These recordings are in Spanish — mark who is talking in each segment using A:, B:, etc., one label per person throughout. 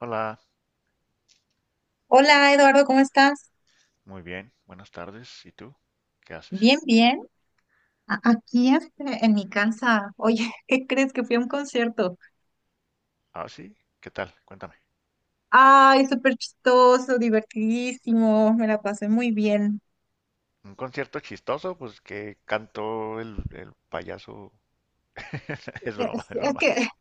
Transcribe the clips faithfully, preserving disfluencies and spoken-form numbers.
A: Hola,
B: Hola Eduardo, ¿cómo estás?
A: muy bien, buenas tardes. ¿Y tú? ¿Qué haces?
B: Bien, bien. A- Aquí este, en mi casa. Oye, ¿qué crees que fui a un concierto?
A: Ah, sí, ¿qué tal? Cuéntame.
B: Ay, súper chistoso, divertidísimo, me la pasé muy bien.
A: ¿Un concierto chistoso? Pues que cantó el, el payaso. Es broma,
B: Es,
A: es
B: es
A: broma.
B: que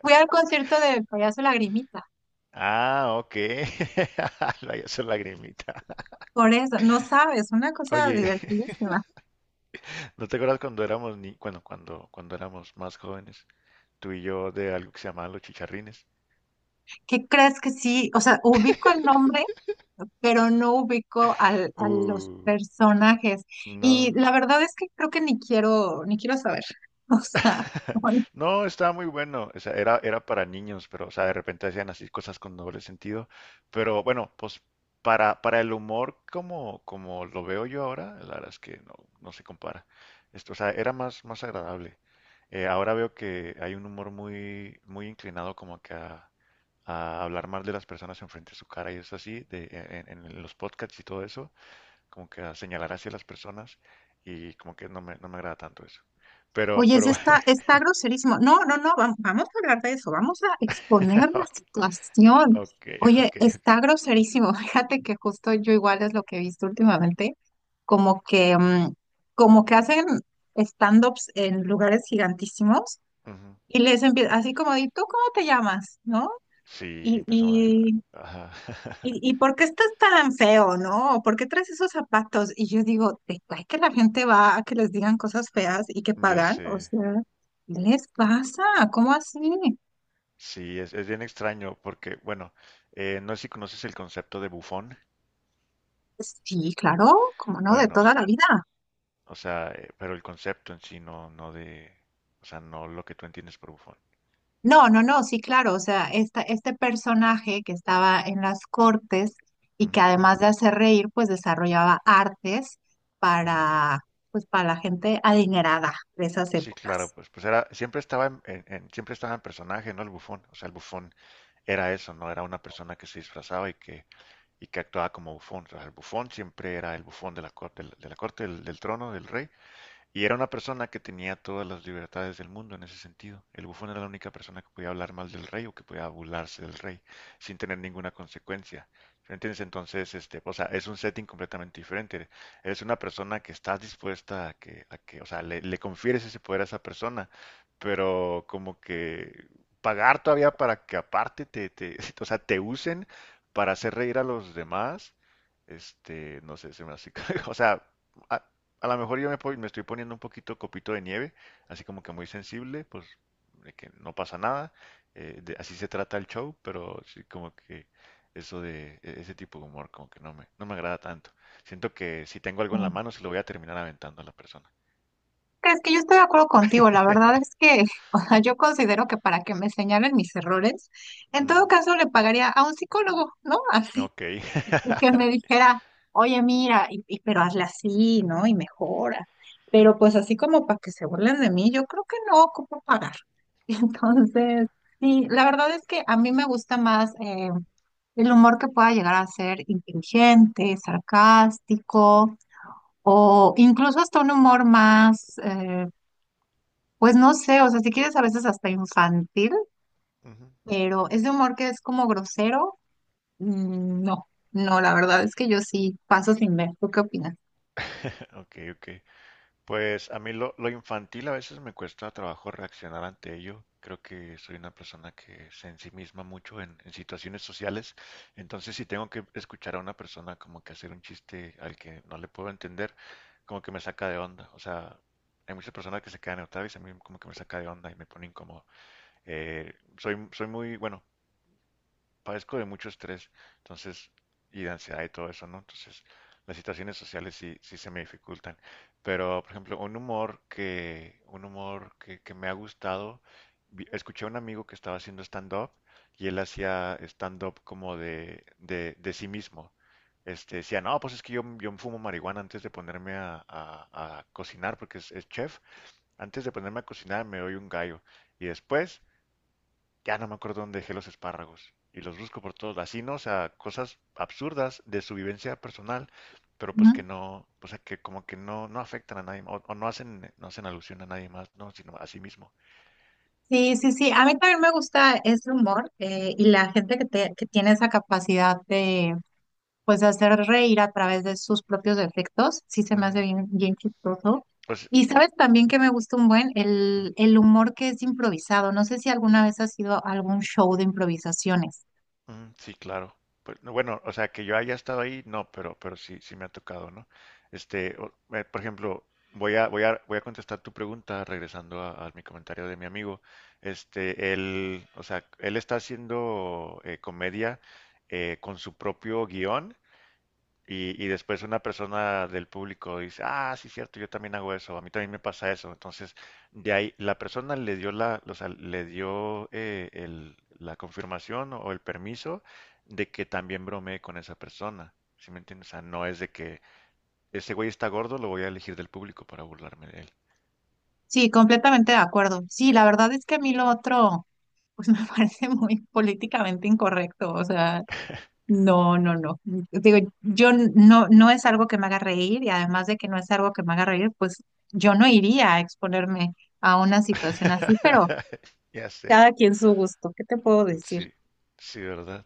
B: fui al concierto de Payaso Lagrimita,
A: Ah, ok. El payaso lagrimita.
B: por eso, no sabes, una cosa
A: Oye,
B: divertidísima.
A: ¿no te acuerdas cuando éramos ni... bueno, cuando, cuando éramos más jóvenes, tú y yo de algo que se llamaba los chicharrines?
B: ¿Qué crees que sí? O sea, ubico el nombre, pero no ubico al, a los
A: Uh,
B: personajes. Y
A: no.
B: la verdad es que creo que ni quiero, ni quiero saber. O sea,
A: No, estaba muy bueno. O sea, era, era para niños, pero, o sea, de repente hacían así cosas con doble sentido. Pero bueno, pues para, para el humor, como, como lo veo yo ahora, la verdad es que no, no se compara. Esto, o sea, era más, más agradable. Eh, ahora veo que hay un humor muy, muy inclinado como que a, a hablar mal de las personas enfrente de su cara y es así, de, en, en los podcasts y todo eso, como que a señalar hacia las personas y como que no me, no me agrada tanto eso. Pero,
B: oye, sí
A: pero
B: está, está groserísimo. No, no, no, vam- vamos a hablar de eso, vamos a exponer la
A: Ok,
B: situación.
A: ok,
B: Oye,
A: ok, ok.
B: está groserísimo. Fíjate que justo yo igual es lo que he visto últimamente, como que, mm, como que hacen stand-ups en lugares gigantísimos
A: Ujú.
B: y les empieza así como, ¿y tú cómo te llamas? ¿No?
A: Sí,
B: Y,
A: empezamos. a- Ajá.
B: ¿y, y por qué estás tan feo, no? ¿Por qué traes esos zapatos? Y yo digo, ¿te cae que la gente va a que les digan cosas feas y que
A: Yo
B: pagan? O
A: sé.
B: sea, ¿qué les pasa? ¿Cómo así?
A: Sí, es, es bien extraño porque, bueno, eh, no sé si conoces el concepto de bufón.
B: Sí, claro, como no, de
A: Bueno,
B: toda
A: s-
B: la vida.
A: o sea, eh, pero el concepto en sí no, no de, o sea, no lo que tú entiendes por bufón.
B: No, no, no, sí, claro. O sea, esta, este personaje que estaba en las cortes y que
A: Ujú,
B: además de hacer reír, pues desarrollaba artes
A: ujú.
B: para, pues, para la gente adinerada de esas
A: Sí, claro,
B: épocas.
A: pues, pues era, siempre estaba en, en- en- siempre estaba en personaje, ¿no? El bufón. O sea, el bufón era eso, ¿no? Era una persona que se disfrazaba y que y que actuaba como bufón. O sea, el bufón siempre era el bufón de la, cor- de la corte del, del trono del rey y era una persona que tenía todas las libertades del mundo en ese sentido. El bufón era la única persona que podía hablar mal del rey o que podía burlarse del rey sin tener ninguna consecuencia. ¿Entiendes? Entonces, este, o sea, es un setting completamente diferente. Eres una persona que estás dispuesta a que, a que, o sea, le, le confieres ese poder a esa persona, pero como que pagar todavía para que aparte te, te, o sea, te usen para hacer reír a los demás, este, no sé, se me hace, o sea, a- a lo mejor yo me, po- me estoy poniendo un poquito copito de nieve, así como que muy sensible, pues de que no pasa nada, eh, de- así se trata el show, pero sí como que eso de e- ese tipo de humor como que no me, no me agrada tanto. Siento que si tengo algo en la
B: Sí.
A: mano se lo voy a terminar aventando a la persona.
B: Es que yo estoy de acuerdo contigo, la verdad es que, o sea, yo considero que para que me señalen mis errores, en todo
A: Ujú.
B: caso le pagaría a un psicólogo, ¿no? Así,
A: Ok.
B: y que me dijera, oye, mira, y, y- pero hazle así, ¿no? Y mejora. Pero pues así como para que se burlen de mí, yo creo que no ocupo pagar. Entonces, sí, la verdad es que a mí me gusta más eh, el humor que pueda llegar a ser inteligente, sarcástico, o incluso hasta un humor más... eh, pues no sé, o sea, si quieres a veces hasta infantil,
A: Ujú.
B: pero ese humor que es como grosero, mm, no, no, la verdad es que yo sí paso sin ver. ¿Tú qué opinas?
A: Ok, ok. Pues a mí lo, lo infantil a veces me cuesta trabajo reaccionar ante ello. Creo que soy una persona que se ensimisma mucho en, en situaciones sociales. Entonces, si tengo que escuchar a una persona como que hacer un chiste al que no le puedo entender, como que me saca de onda. O sea, hay muchas personas que se quedan neutrales y a mí como que me saca de onda y me pone incómodo. Eh, Soy, soy muy, bueno, padezco de mucho estrés, entonces, y de ansiedad y todo eso, ¿no? Entonces, las situaciones sociales sí, sí se me dificultan. Pero, por ejemplo, un humor que, un humor que, que me ha gustado, vi- escuché a un amigo que estaba haciendo stand-up y él hacía stand-up como de, de, de sí mismo. Este, decía, no, pues es que yo, yo fumo marihuana antes de ponerme a, a- a cocinar porque es, es chef. Antes de ponerme a cocinar me doy un gallo y después ya no me acuerdo dónde dejé los espárragos. Y los busco por todos lados. Así, ¿no? O sea, cosas absurdas de su vivencia personal, pero
B: Ujú.
A: pues que no, o sea, que como que no, no afectan a nadie, o, o no hacen, no hacen alusión a nadie más, ¿no? Sino a sí mismo.
B: Sí, sí, sí, a mí también me gusta ese humor eh, y la gente que, te- que tiene esa capacidad de, pues, de hacer reír a través de sus propios defectos, sí se me hace
A: Ujú.
B: bien, bien chistoso.
A: Pues,
B: Y sabes también que me gusta un buen
A: ujú.
B: el, el humor que es improvisado. No sé si alguna vez has ido a algún show de improvisaciones.
A: Mm, sí, claro. Pues, no, bueno, o sea, que yo haya estado ahí, no, pero, pero sí, sí me ha tocado, ¿no? Este, o- eh, por ejemplo, voy a, voy a, voy a contestar tu pregunta regresando a, a mi comentario de mi amigo. Este, él, o sea, él está haciendo eh, comedia eh, con su propio guión y, y después una persona del público dice, ah, sí, cierto, yo también hago eso, a mí también me pasa eso. Entonces, de ahí, la persona le dio la, o sea, le dio eh, el- la confirmación o el permiso de que también bromeé con esa persona. ¿Sí me entiendes? O sea, no es de que ese güey está gordo, lo voy a elegir del público para burlarme de él.
B: Sí, completamente de acuerdo. Sí, la verdad es que a mí lo otro, pues me parece muy políticamente incorrecto. O sea, no, no, no. Digo, yo n- no, no es algo que me haga reír y además de que no es algo que me haga reír, pues yo no iría a exponerme a una situación así, pero
A: Ya sé,
B: cada quien su gusto. ¿Qué te puedo decir?
A: sí, sí, ¿verdad?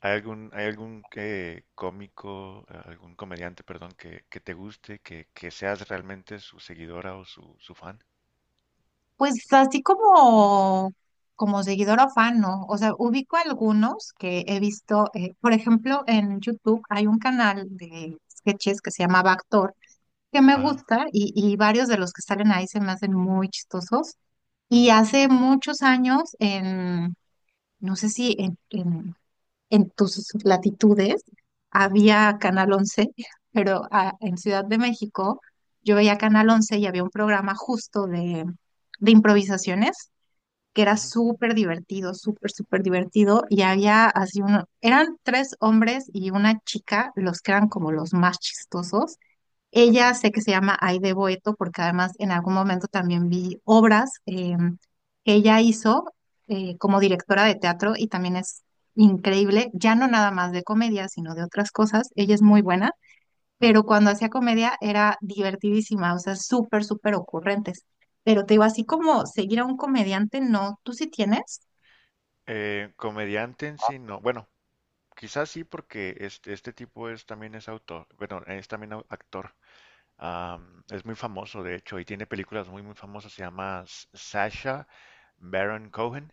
A: ¿Hay algún, hay algún eh, cómico, eh, algún comediante, perdón, que, que te guste, que, que seas realmente su seguidora o su, su fan?
B: Pues así como, como seguidora o fan, ¿no? O sea, ubico algunos que he visto, eh, por ejemplo, en YouTube hay un canal de sketches que se llama Backdoor, que me
A: Ah,
B: gusta y, y varios de los que salen ahí se me hacen muy chistosos. Y
A: ujú,
B: hace muchos años, en, no sé si en, en, en tus latitudes,
A: ujú,
B: había Canal Once pero ah, en Ciudad de México yo veía Canal Once y había un programa justo de de improvisaciones que era
A: ujú,
B: súper divertido, súper, súper divertido, y había así uno, eran tres hombres y una chica, los que eran
A: ujú,
B: como los más chistosos.
A: ok.
B: Ella sé que se llama Aide Boeto, porque además en algún momento también vi obras eh, que ella hizo eh, como directora de teatro y también es increíble, ya no nada más de comedia, sino de otras cosas. Ella es muy buena
A: Ujú.
B: pero cuando hacía comedia era divertidísima, o sea, súper, súper ocurrentes. Pero te digo, así como seguir a un comediante, no, ¿tú sí tienes?
A: Eh, comediante en sí, no. Bueno, quizás sí porque este, este tipo es también es autor, bueno, es también au- actor. Am, es muy famoso, de hecho, y tiene películas muy, muy famosas. Se llama S- Sacha Baron Cohen.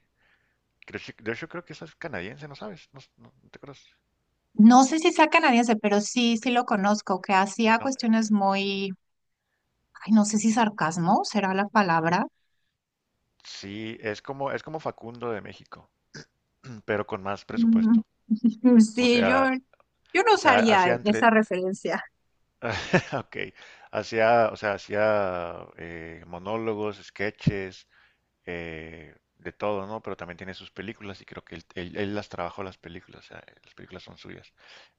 A: Creo, que- de hecho, creo que esa es canadiense, ¿no sabes? No, no- no te acuerdas.
B: No sé si sea canadiense, pero sí, sí lo conozco, que
A: Sí,
B: hacía
A: no,
B: cuestiones muy, ay, no sé si sarcasmo será la palabra.
A: sí, es como, es como Facundo de México, pero con más
B: Mm,
A: presupuesto. O
B: sí, yo,
A: sea,
B: yo no
A: o sea,
B: usaría
A: hacía
B: esa
A: entre,
B: referencia.
A: ok, hacía, o sea, hacía eh, monólogos, sketches, eh, de todo, ¿no? Pero también tiene sus películas y creo que él, él- él las trabajó las películas, o sea, las películas son suyas.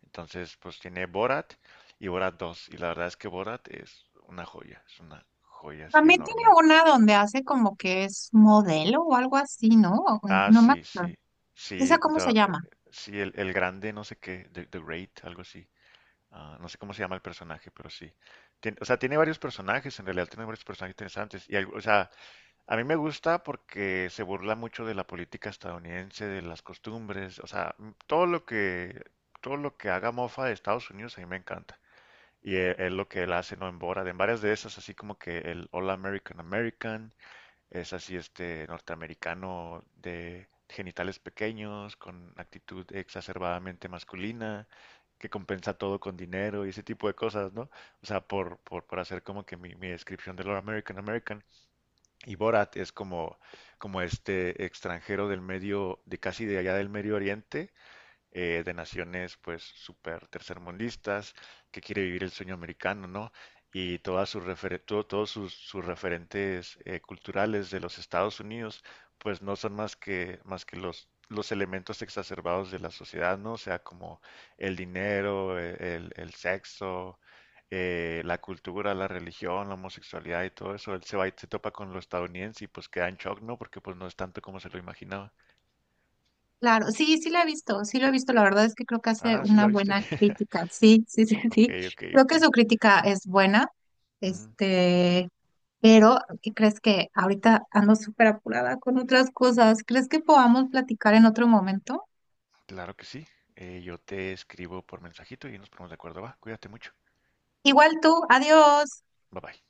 A: Entonces, pues tiene Borat y Borat dos y la verdad es que Borat es una joya, es una joya así
B: También tiene
A: enorme.
B: una donde hace como que es modelo o algo así, ¿no?
A: Ah,
B: No me
A: sí,
B: acuerdo.
A: sí.
B: ¿Esa
A: Sí,
B: cómo se
A: da-
B: llama?
A: sí el, el grande, no sé qué, The, The Great, algo así. Ah, no sé cómo se llama el personaje, pero sí. Tien- o sea, tiene varios personajes, en realidad tiene varios personajes interesantes. Y, algo- o sea, a mí me gusta porque se burla mucho de la política estadounidense, de las costumbres, o sea, m- todo lo que, todo lo que haga mofa de Estados Unidos a mí me encanta. Y e- es, lo que él hace, ¿no? En Borat, en varias de esas, así como que el All American American. Es así, este norteamericano de genitales pequeños, con actitud exacerbadamente masculina, que compensa todo con dinero y ese tipo de cosas, ¿no? O sea, por, por, por hacer como que mi, mi descripción de lo American American. Y Borat es como, como este extranjero del medio, de casi de allá del Medio Oriente, eh, de naciones pues súper tercermundistas, que quiere vivir el sueño americano, ¿no? Y todas sus refer- to- todos sus, sus referentes eh, culturales de los Estados Unidos, pues no son más que, más que los, los elementos exacerbados de la sociedad, ¿no? O sea, como el dinero, eh, el, el sexo, eh, la cultura, la religión, la homosexualidad y todo eso. Él se va y se topa con lo estadounidense y pues queda en shock, ¿no? Porque pues no es tanto como se lo imaginaba.
B: Claro, sí, sí la he visto, sí lo he visto, la verdad es que creo que hace
A: Ah, ¿sí la
B: una
A: viste?
B: buena crítica, sí, sí, sí,
A: Ok,
B: sí,
A: ok,
B: creo
A: ok.
B: que su crítica es buena,
A: Ujú,
B: este, pero ¿qué crees que ahorita ando súper apurada con otras cosas? ¿Crees que podamos platicar en otro momento?
A: claro que sí. Eh, yo te escribo por mensajito y nos ponemos de acuerdo. Va, cuídate mucho.
B: Igual tú, adiós.
A: Bye bye.